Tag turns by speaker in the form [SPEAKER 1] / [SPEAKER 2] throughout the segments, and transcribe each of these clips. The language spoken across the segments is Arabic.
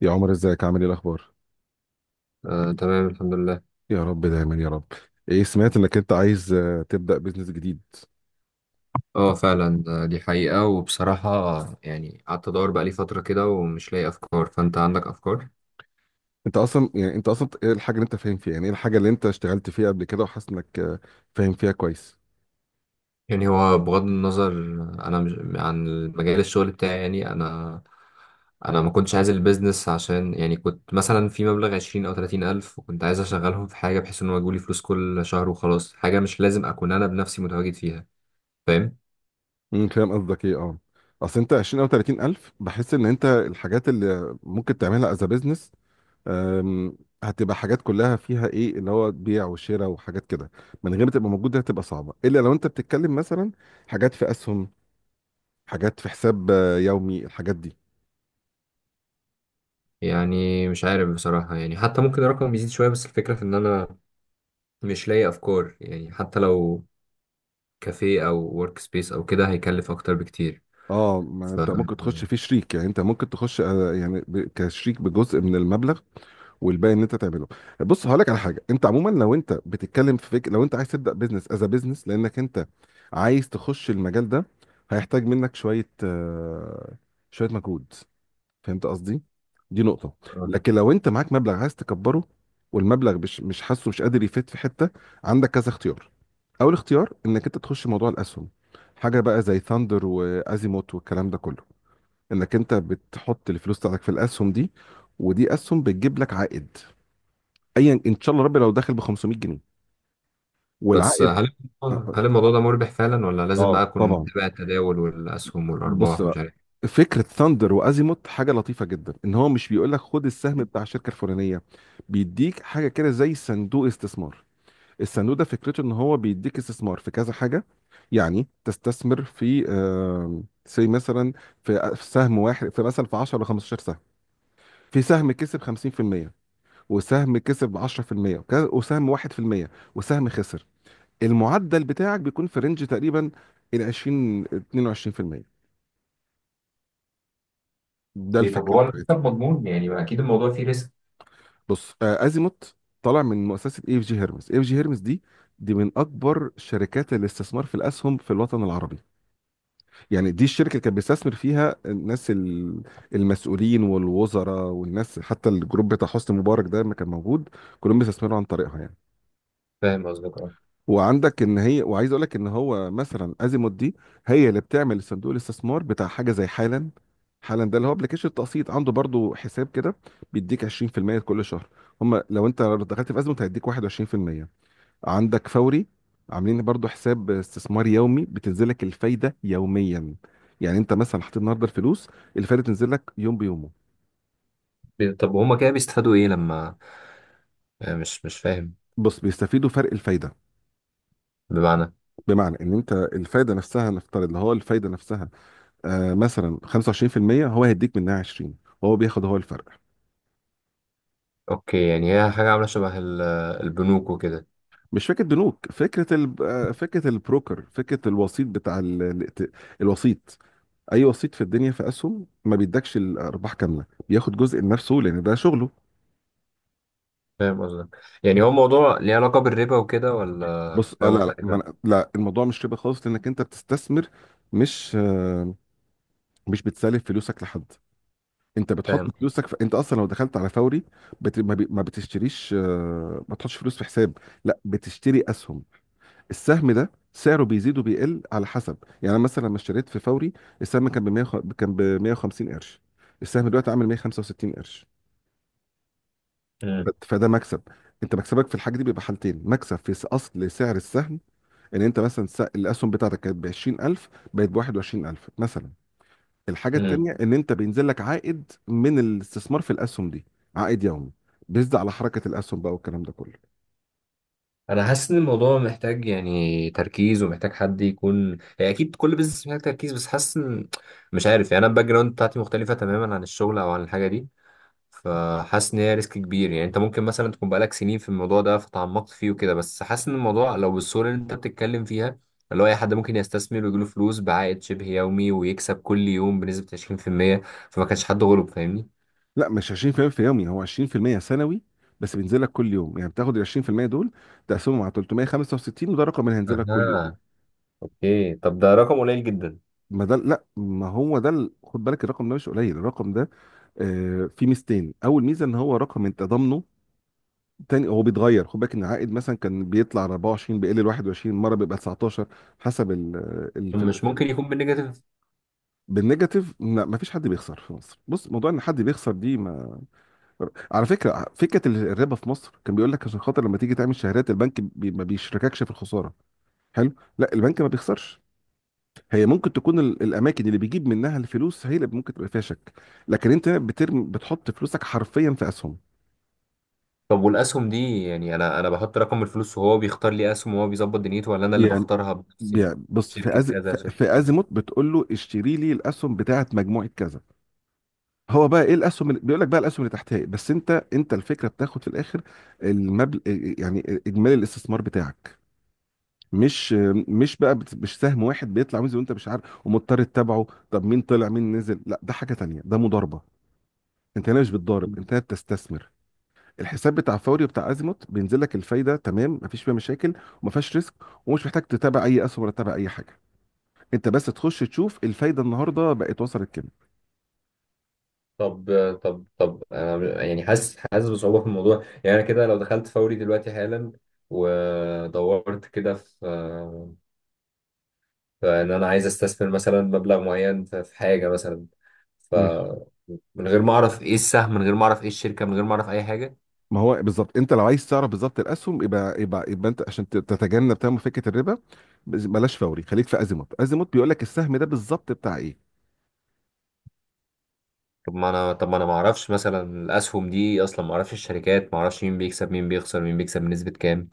[SPEAKER 1] يا عمر، ازيك؟ عامل ايه؟ الاخبار؟
[SPEAKER 2] آه، تمام، الحمد لله.
[SPEAKER 1] يا رب دايما يا رب. ايه؟ سمعت انك انت عايز تبدا بزنس جديد.
[SPEAKER 2] اه، فعلا، دي حقيقة. وبصراحة، يعني قعدت ادور بقالي فترة كده، ومش لاقي افكار. فانت عندك افكار؟
[SPEAKER 1] انت اصلا ايه الحاجه اللي انت فاهم فيها؟ يعني ايه الحاجه اللي انت اشتغلت فيها قبل كده وحاسس انك فاهم فيها كويس؟
[SPEAKER 2] يعني هو بغض النظر، انا مش عن مجال الشغل بتاعي. يعني انا، ما كنتش عايز البيزنس، عشان يعني كنت مثلا في مبلغ عشرين او تلاتين الف، وكنت عايز اشغلهم في حاجة، بحيث ان هو يجيلي فلوس كل شهر، وخلاص، حاجة مش لازم اكون انا بنفسي متواجد فيها. فاهم.
[SPEAKER 1] فاهم قصدك ايه، اه. اصل انت 20 او 30 الف، بحس ان انت الحاجات اللي ممكن تعملها از بزنس هتبقى حاجات كلها فيها ايه؟ اللي هو بيع وشراء وحاجات كده. من غير ما تبقى موجوده هتبقى صعبه، الا لو انت بتتكلم مثلا حاجات في اسهم، حاجات في حساب يومي، الحاجات دي.
[SPEAKER 2] يعني مش عارف بصراحة، يعني حتى ممكن الرقم يزيد شوية، بس الفكرة في ان انا مش لاقي افكار، يعني حتى لو كافيه او ورك سبيس او كده هيكلف اكتر بكتير.
[SPEAKER 1] اه، ما
[SPEAKER 2] ف
[SPEAKER 1] انت ممكن تخش فيه شريك، يعني انت ممكن تخش يعني كشريك بجزء من المبلغ والباقي ان انت تعمله. بص، هقول لك على حاجه. انت عموما لو انت بتتكلم في فكره لو انت عايز تبدا بزنس از بزنس لانك انت عايز تخش المجال ده، هيحتاج منك شويه شويه مجهود. فهمت قصدي؟ دي نقطه.
[SPEAKER 2] آه.
[SPEAKER 1] لكن لو انت معاك مبلغ عايز تكبره، والمبلغ مش حاسه مش قادر يفيد في حته، عندك كذا اختيار. اول اختيار انك انت تخش موضوع الاسهم، حاجه بقى زي ثاندر وازيموت والكلام ده كله. انك انت بتحط الفلوس بتاعتك في الاسهم دي، ودي اسهم بتجيب لك عائد ايا ان شاء الله ربي. لو داخل ب 500 جنيه،
[SPEAKER 2] بس
[SPEAKER 1] والعائد.
[SPEAKER 2] هل
[SPEAKER 1] اه.
[SPEAKER 2] هل الموضوع ده مربح فعلا، ولا لازم بقى اكون
[SPEAKER 1] طبعا.
[SPEAKER 2] متابع التداول والاسهم
[SPEAKER 1] بص
[SPEAKER 2] والارباح ومش
[SPEAKER 1] بقى،
[SPEAKER 2] عارف؟
[SPEAKER 1] فكره ثاندر وازيموت حاجه لطيفه جدا. ان هو مش بيقول لك خد السهم بتاع الشركه الفلانيه، بيديك حاجه كده زي صندوق استثمار. الصندوق ده فكرته ان هو بيديك استثمار في كذا حاجه. يعني تستثمر في آه سي مثلا، في في سهم واحد، في مثلا في 10 ل 15 سهم. في سهم كسب 50%، وسهم كسب 10%، وسهم 1%، وسهم خسر. المعدل بتاعك بيكون في رينج تقريبا ال 20 22%. ده
[SPEAKER 2] إيه، طب
[SPEAKER 1] الفكره
[SPEAKER 2] هو المكسب
[SPEAKER 1] بتاعتي.
[SPEAKER 2] مضمون؟ يعني، ما اكيد الموضوع فيه ريسك.
[SPEAKER 1] بص، ازيموت طالع من مؤسسه اي اف جي هيرمز. اي اف جي هيرمز دي من اكبر شركات الاستثمار في الاسهم في الوطن العربي. يعني دي الشركه اللي كانت بيستثمر فيها الناس المسؤولين والوزراء والناس، حتى الجروب بتاع حسني مبارك ده ما كان موجود كلهم بيستثمروا عن طريقها يعني.
[SPEAKER 2] فاهم قصدك، اه.
[SPEAKER 1] وعندك ان هي، وعايز اقول لك ان هو مثلا ازيموت دي هي اللي بتعمل صندوق الاستثمار بتاع حاجه زي حالا. حالا ده اللي هو ابلكيشن التقسيط، عنده برضو حساب كده بيديك 20% كل شهر. هم لو انت دخلت في ازيموت هيديك 21%. عندك فوري، عاملين برضو حساب استثمار يومي بتنزل لك الفايده يوميا. يعني انت مثلا حطيت النهارده الفلوس، الفايده تنزل لك يوم بيومه.
[SPEAKER 2] طب هما كده بيستفادوا ايه لما، مش فاهم؟
[SPEAKER 1] بص، بيستفيدوا فرق الفايده.
[SPEAKER 2] بمعنى؟
[SPEAKER 1] بمعنى ان انت الفايده نفسها، نفترض اللي هو الفايده نفسها آه مثلا 25%، هو هيديك منها 20، وهو بياخد هو الفرق.
[SPEAKER 2] اوكي، يعني هي حاجة عاملة شبه البنوك وكده.
[SPEAKER 1] مش فكره بنوك، فكره ال... آه، فكره البروكر، فكره الوسيط بتاع الوسيط. اي وسيط في الدنيا في اسهم ما بيدكش الارباح كامله، بياخد جزء لنفسه لان ده شغله.
[SPEAKER 2] فاهم قصدك. يعني هو موضوع ليه علاقة بالربا وكده، ولا
[SPEAKER 1] بص آه،
[SPEAKER 2] حاجة
[SPEAKER 1] لا لا ما
[SPEAKER 2] مختلفة؟
[SPEAKER 1] أنا- لا الموضوع مش ربا خالص لانك انت بتستثمر. مش آه مش بتسلف فلوسك لحد. انت بتحط
[SPEAKER 2] فاهم.
[SPEAKER 1] فلوسك في... انت اصلا لو دخلت على فوري، بت... ما, بي... ما بتشتريش آه ما بتحطش فلوس في حساب، لا بتشتري اسهم. السهم ده سعره بيزيد وبيقل على حسب. يعني أنا مثلا لما اشتريت في فوري، السهم كان ب 100 كان ب 150 قرش، السهم دلوقتي عامل 165 قرش. فده مكسب. انت مكسبك في الحاجه دي بيبقى حالتين، مكسب في اصل سعر السهم، ان انت مثلا الاسهم بتاعتك كانت ب 20000، بقت ب 21000 مثلا. الحاجه
[SPEAKER 2] مم.
[SPEAKER 1] التانيه ان انت بينزل لك عائد من الاستثمار في الاسهم دي، عائد يومي بيزيد على حركه الاسهم بقى والكلام ده كله.
[SPEAKER 2] انا حاسس ان الموضوع محتاج، يعني، تركيز، ومحتاج حد يكون، يعني، اكيد كل بزنس محتاج تركيز، بس حاسس ان، مش عارف، يعني انا الباك جراوند بتاعتي مختلفه تماما عن الشغل او عن الحاجه دي. فحاسس ان هي ريسك كبير. يعني انت ممكن مثلا تكون بقالك سنين في الموضوع ده، فتعمقت فيه وكده، بس حاسس ان الموضوع، لو بالصوره اللي انت بتتكلم فيها، اللي هو اي حد ممكن يستثمر ويجيله فلوس بعائد شبه يومي، ويكسب كل يوم بنسبه 20%، فما كانش حد غلب، فاهمني؟
[SPEAKER 1] لا، مش 20% في المية في يومي، هو 20% سنوي، بس بينزل لك كل يوم. يعني بتاخد ال 20% دول، تقسمهم على 365، وده الرقم اللي هينزل لك كل يوم.
[SPEAKER 2] اها. اوكي، طب ده رقم قليل جدا.
[SPEAKER 1] ما ده، لا، ما هو ده خد بالك الرقم ده مش قليل. الرقم ده فيه ميزتين، اول ميزه ان هو رقم انت ضامنه، تاني هو بيتغير. خد بالك ان العائد مثلا كان بيطلع 24، بيقل ل 21، مره بيبقى 19، حسب الفلوس
[SPEAKER 2] مش
[SPEAKER 1] يعني.
[SPEAKER 2] ممكن يكون بالنيجاتيف؟
[SPEAKER 1] بالنيجاتيف؟ لا، ما فيش حد بيخسر في مصر. بص، موضوع ان حد بيخسر دي، ما على فكره فكره الربا في مصر كان بيقول لك عشان خاطر لما تيجي تعمل شهادات البنك بي ما بيشرككش في الخساره. حلو. لا، البنك ما بيخسرش. هي ممكن تكون الاماكن اللي بيجيب منها الفلوس هي اللي ممكن تبقى فيها شك، لكن انت هنا بترمي بتحط فلوسك حرفيا في اسهم.
[SPEAKER 2] طب والاسهم دي، يعني انا، بحط رقم الفلوس وهو بيختار لي اسهم وهو بيظبط دنيته، ولا انا اللي
[SPEAKER 1] بيع،
[SPEAKER 2] بختارها بنفسي؟
[SPEAKER 1] بيع. بص، في
[SPEAKER 2] شركة
[SPEAKER 1] أز...
[SPEAKER 2] كذا،
[SPEAKER 1] في
[SPEAKER 2] شركة
[SPEAKER 1] في
[SPEAKER 2] كذا.
[SPEAKER 1] ازيموت بتقول له اشتري لي الاسهم بتاعت مجموعه كذا. هو بقى ايه الاسهم اللي بيقول لك؟ بقى الاسهم اللي تحتها إيه؟ بس انت الفكره بتاخد في الاخر المبلغ، يعني اجمالي الاستثمار بتاعك. مش مش بقى مش سهم واحد بيطلع وينزل وانت مش عارف ومضطر تتابعه، طب مين طلع مين نزل. لا، ده حاجه تانية، ده مضاربه. انت هنا مش بتضارب، انت هنا بتستثمر. الحساب بتاع فوري وبتاع ازيموت بينزل لك الفايده تمام، مفيش فيها مشاكل، وما فيهاش ريسك، ومش محتاج تتابع اي اسهم ولا تتابع اي حاجه. انت بس تخش تشوف الفايده النهارده بقت وصلت كام.
[SPEAKER 2] طب طب انا يعني حاسس بصعوبة في الموضوع. يعني انا كده لو دخلت فوري دلوقتي حالا، ودورت كده في ان انا عايز استثمر مثلا مبلغ معين في حاجة مثلا،
[SPEAKER 1] ماشي.
[SPEAKER 2] فمن من غير ما اعرف ايه السهم، من غير ما اعرف ايه الشركة، من غير ما اعرف اي حاجة.
[SPEAKER 1] ما هو بالظبط انت لو عايز تعرف بالظبط الاسهم، يبقى يبقى انت عشان تتجنب تمام فكره الربا، بلاش فوري، خليك في ازيموت. ازيموت بيقول لك السهم ده بالظبط بتاع ايه.
[SPEAKER 2] طب ما انا ما اعرفش مثلا الاسهم دي اصلا، ما اعرفش الشركات، ما اعرفش مين بيكسب مين بيخسر مين بيكسب بنسبة كام.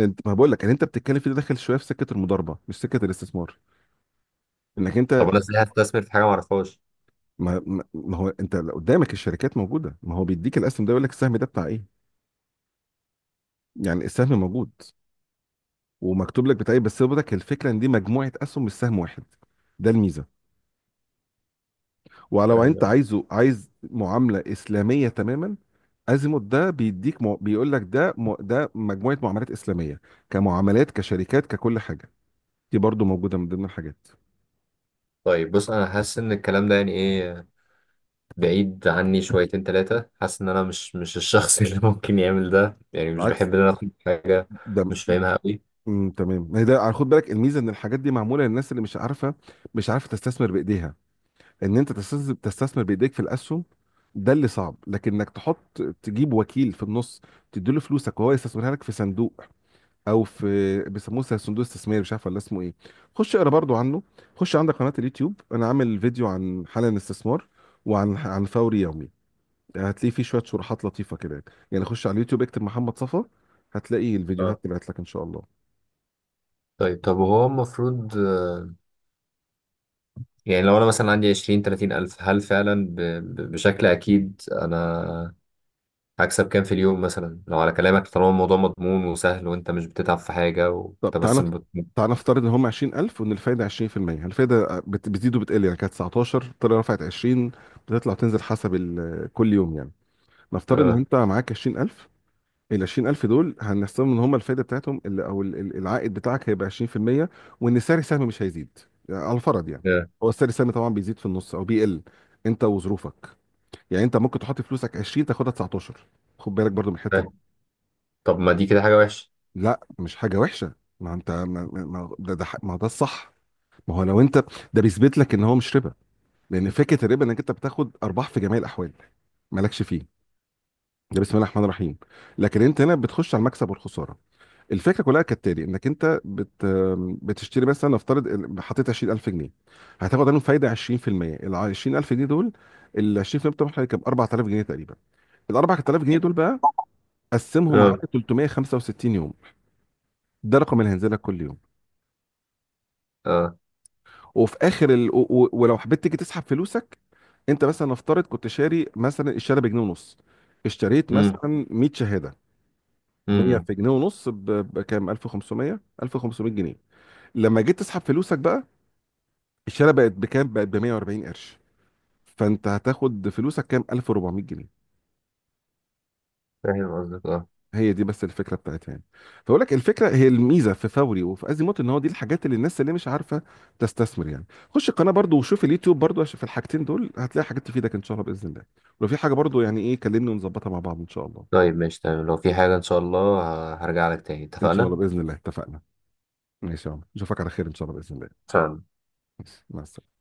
[SPEAKER 1] انت، ما بقول لك ان انت بتتكلم في ده، داخل شويه في سكه المضاربه مش سكه الاستثمار، انك انت
[SPEAKER 2] طب انا ازاي هستثمر في حاجة ما اعرفهاش؟
[SPEAKER 1] ما هو انت قدامك الشركات موجوده، ما هو بيديك الاسهم ده، يقول لك السهم ده بتاع ايه. يعني السهم موجود ومكتوب لك بتاع ايه. بس برضك الفكره ان دي مجموعه اسهم مش سهم واحد، ده الميزه. ولو انت
[SPEAKER 2] فاهم.
[SPEAKER 1] عايز معامله اسلاميه تماما، ازيموت ده بيديك بيقول لك ده ده مجموعه معاملات اسلاميه كمعاملات كشركات ككل حاجه، دي برضو موجوده من ضمن الحاجات.
[SPEAKER 2] طيب، بص، انا حاسس ان الكلام ده، يعني ايه، بعيد عني شويتين ثلاثة. حاسس ان انا مش الشخص اللي ممكن يعمل ده. يعني مش
[SPEAKER 1] العكس.
[SPEAKER 2] بحب ان انا اخد حاجة
[SPEAKER 1] ده
[SPEAKER 2] مش فاهمها قوي.
[SPEAKER 1] تمام، هي ده على، خد بالك الميزه ان الحاجات دي معموله للناس اللي مش عارفه تستثمر بايديها. ان انت تستثمر بايديك في الاسهم، ده اللي صعب. لكن انك تحط تجيب وكيل في النص، تديله فلوسك وهو يستثمرها لك في صندوق، او في، بيسموه صندوق استثماري مش عارف ولا اسمه ايه. خش اقرا برضو عنه. خش، عندك قناه اليوتيوب انا عامل فيديو عن حالا استثمار، وعن فوري يومي. هتلاقي فيه شويه شروحات لطيفه كده. يعني خش على اليوتيوب اكتب محمد صفا، هتلاقي الفيديوهات
[SPEAKER 2] اه.
[SPEAKER 1] طلعت لك ان شاء الله.
[SPEAKER 2] طيب طب هو المفروض، يعني لو انا مثلا عندي 20 30 الف، هل فعلا بشكل اكيد انا هكسب كام في اليوم؟ مثلا لو على كلامك، طالما الموضوع مضمون وسهل وانت مش بتتعب في حاجة،
[SPEAKER 1] طب
[SPEAKER 2] وانت بس
[SPEAKER 1] تعالى، تعالى نفترض ان هم 20000، وان الفايده 20%. الفايده بتزيد وبتقل، يعني كانت 19 طلع رفعت 20، بتطلع تنزل حسب كل يوم يعني. نفترض ان
[SPEAKER 2] اه.
[SPEAKER 1] انت معاك 20000، ال 20000 دول هنحسبهم ان هم الفايده بتاعتهم العائد بتاعك هيبقى 20%، وان سعر السهم مش هيزيد، يعني على الفرض يعني.
[SPEAKER 2] اه.
[SPEAKER 1] هو سعر السهم طبعا بيزيد في النص او بيقل، انت وظروفك. يعني انت ممكن تحط فلوسك 20 تاخدها 19، خد بالك برضو من الحته دي.
[SPEAKER 2] فاهم. طب ما دي كده حاجة وحشة؟
[SPEAKER 1] لا، مش حاجه وحشه. ما انت، ده الصح. ما هو لو انت، ده بيثبت لك ان هو مش ربا، لان فكره الربا انك انت بتاخد ارباح في جميع الاحوال مالكش فيه، ده بسم الله الرحمن الرحيم. لكن انت هنا بتخش على المكسب والخساره. الفكره كلها كالتالي، انك انت بتشتري مثلا، نفترض حطيت 20000 جنيه، هتاخد عنهم فايده 20%. ال 20000 جنيه دول، ال 20% بتوعهم هيبقى 4000 جنيه تقريبا. ال 4000 جنيه دول بقى، قسمهم على
[SPEAKER 2] اه.
[SPEAKER 1] 365 يوم، ده رقم اللي هينزل لك كل يوم.
[SPEAKER 2] اه.
[SPEAKER 1] وفي اخر ولو حبيت تيجي تسحب فلوسك، انت مثلا نفترض كنت شاري مثلا الشهاده بجنيه ونص، اشتريت
[SPEAKER 2] امم.
[SPEAKER 1] مثلا 100 شهاده. 100
[SPEAKER 2] امم.
[SPEAKER 1] في جنيه ونص بكام؟ 1500 جنيه. لما جيت تسحب فلوسك بقى، الشهاده بقت بكام؟ بقت ب 140 قرش، فانت هتاخد فلوسك كام؟ 1400 جنيه.
[SPEAKER 2] فاهم قصدك، اه.
[SPEAKER 1] هي دي بس الفكره بتاعتها يعني. فبقول لك الفكره هي الميزه في فوري وفي ازيموت، ان هو دي الحاجات اللي الناس اللي مش عارفه تستثمر يعني. خش القناه برضو وشوف اليوتيوب برضو، عشان في الحاجتين دول هتلاقي حاجات تفيدك ان شاء الله باذن الله. ولو في حاجه برضو يعني ايه، كلمني ونظبطها مع بعض ان شاء الله.
[SPEAKER 2] طيب، ماشي، تمام. لو في حاجة ان شاء الله، هرجع لك تاني.
[SPEAKER 1] ان شاء الله
[SPEAKER 2] اتفقنا؟
[SPEAKER 1] باذن الله، اتفقنا. ماشي يا عمر، نشوفك على خير ان شاء الله باذن الله.
[SPEAKER 2] اتفقنا.
[SPEAKER 1] ماشي. مع السلامه.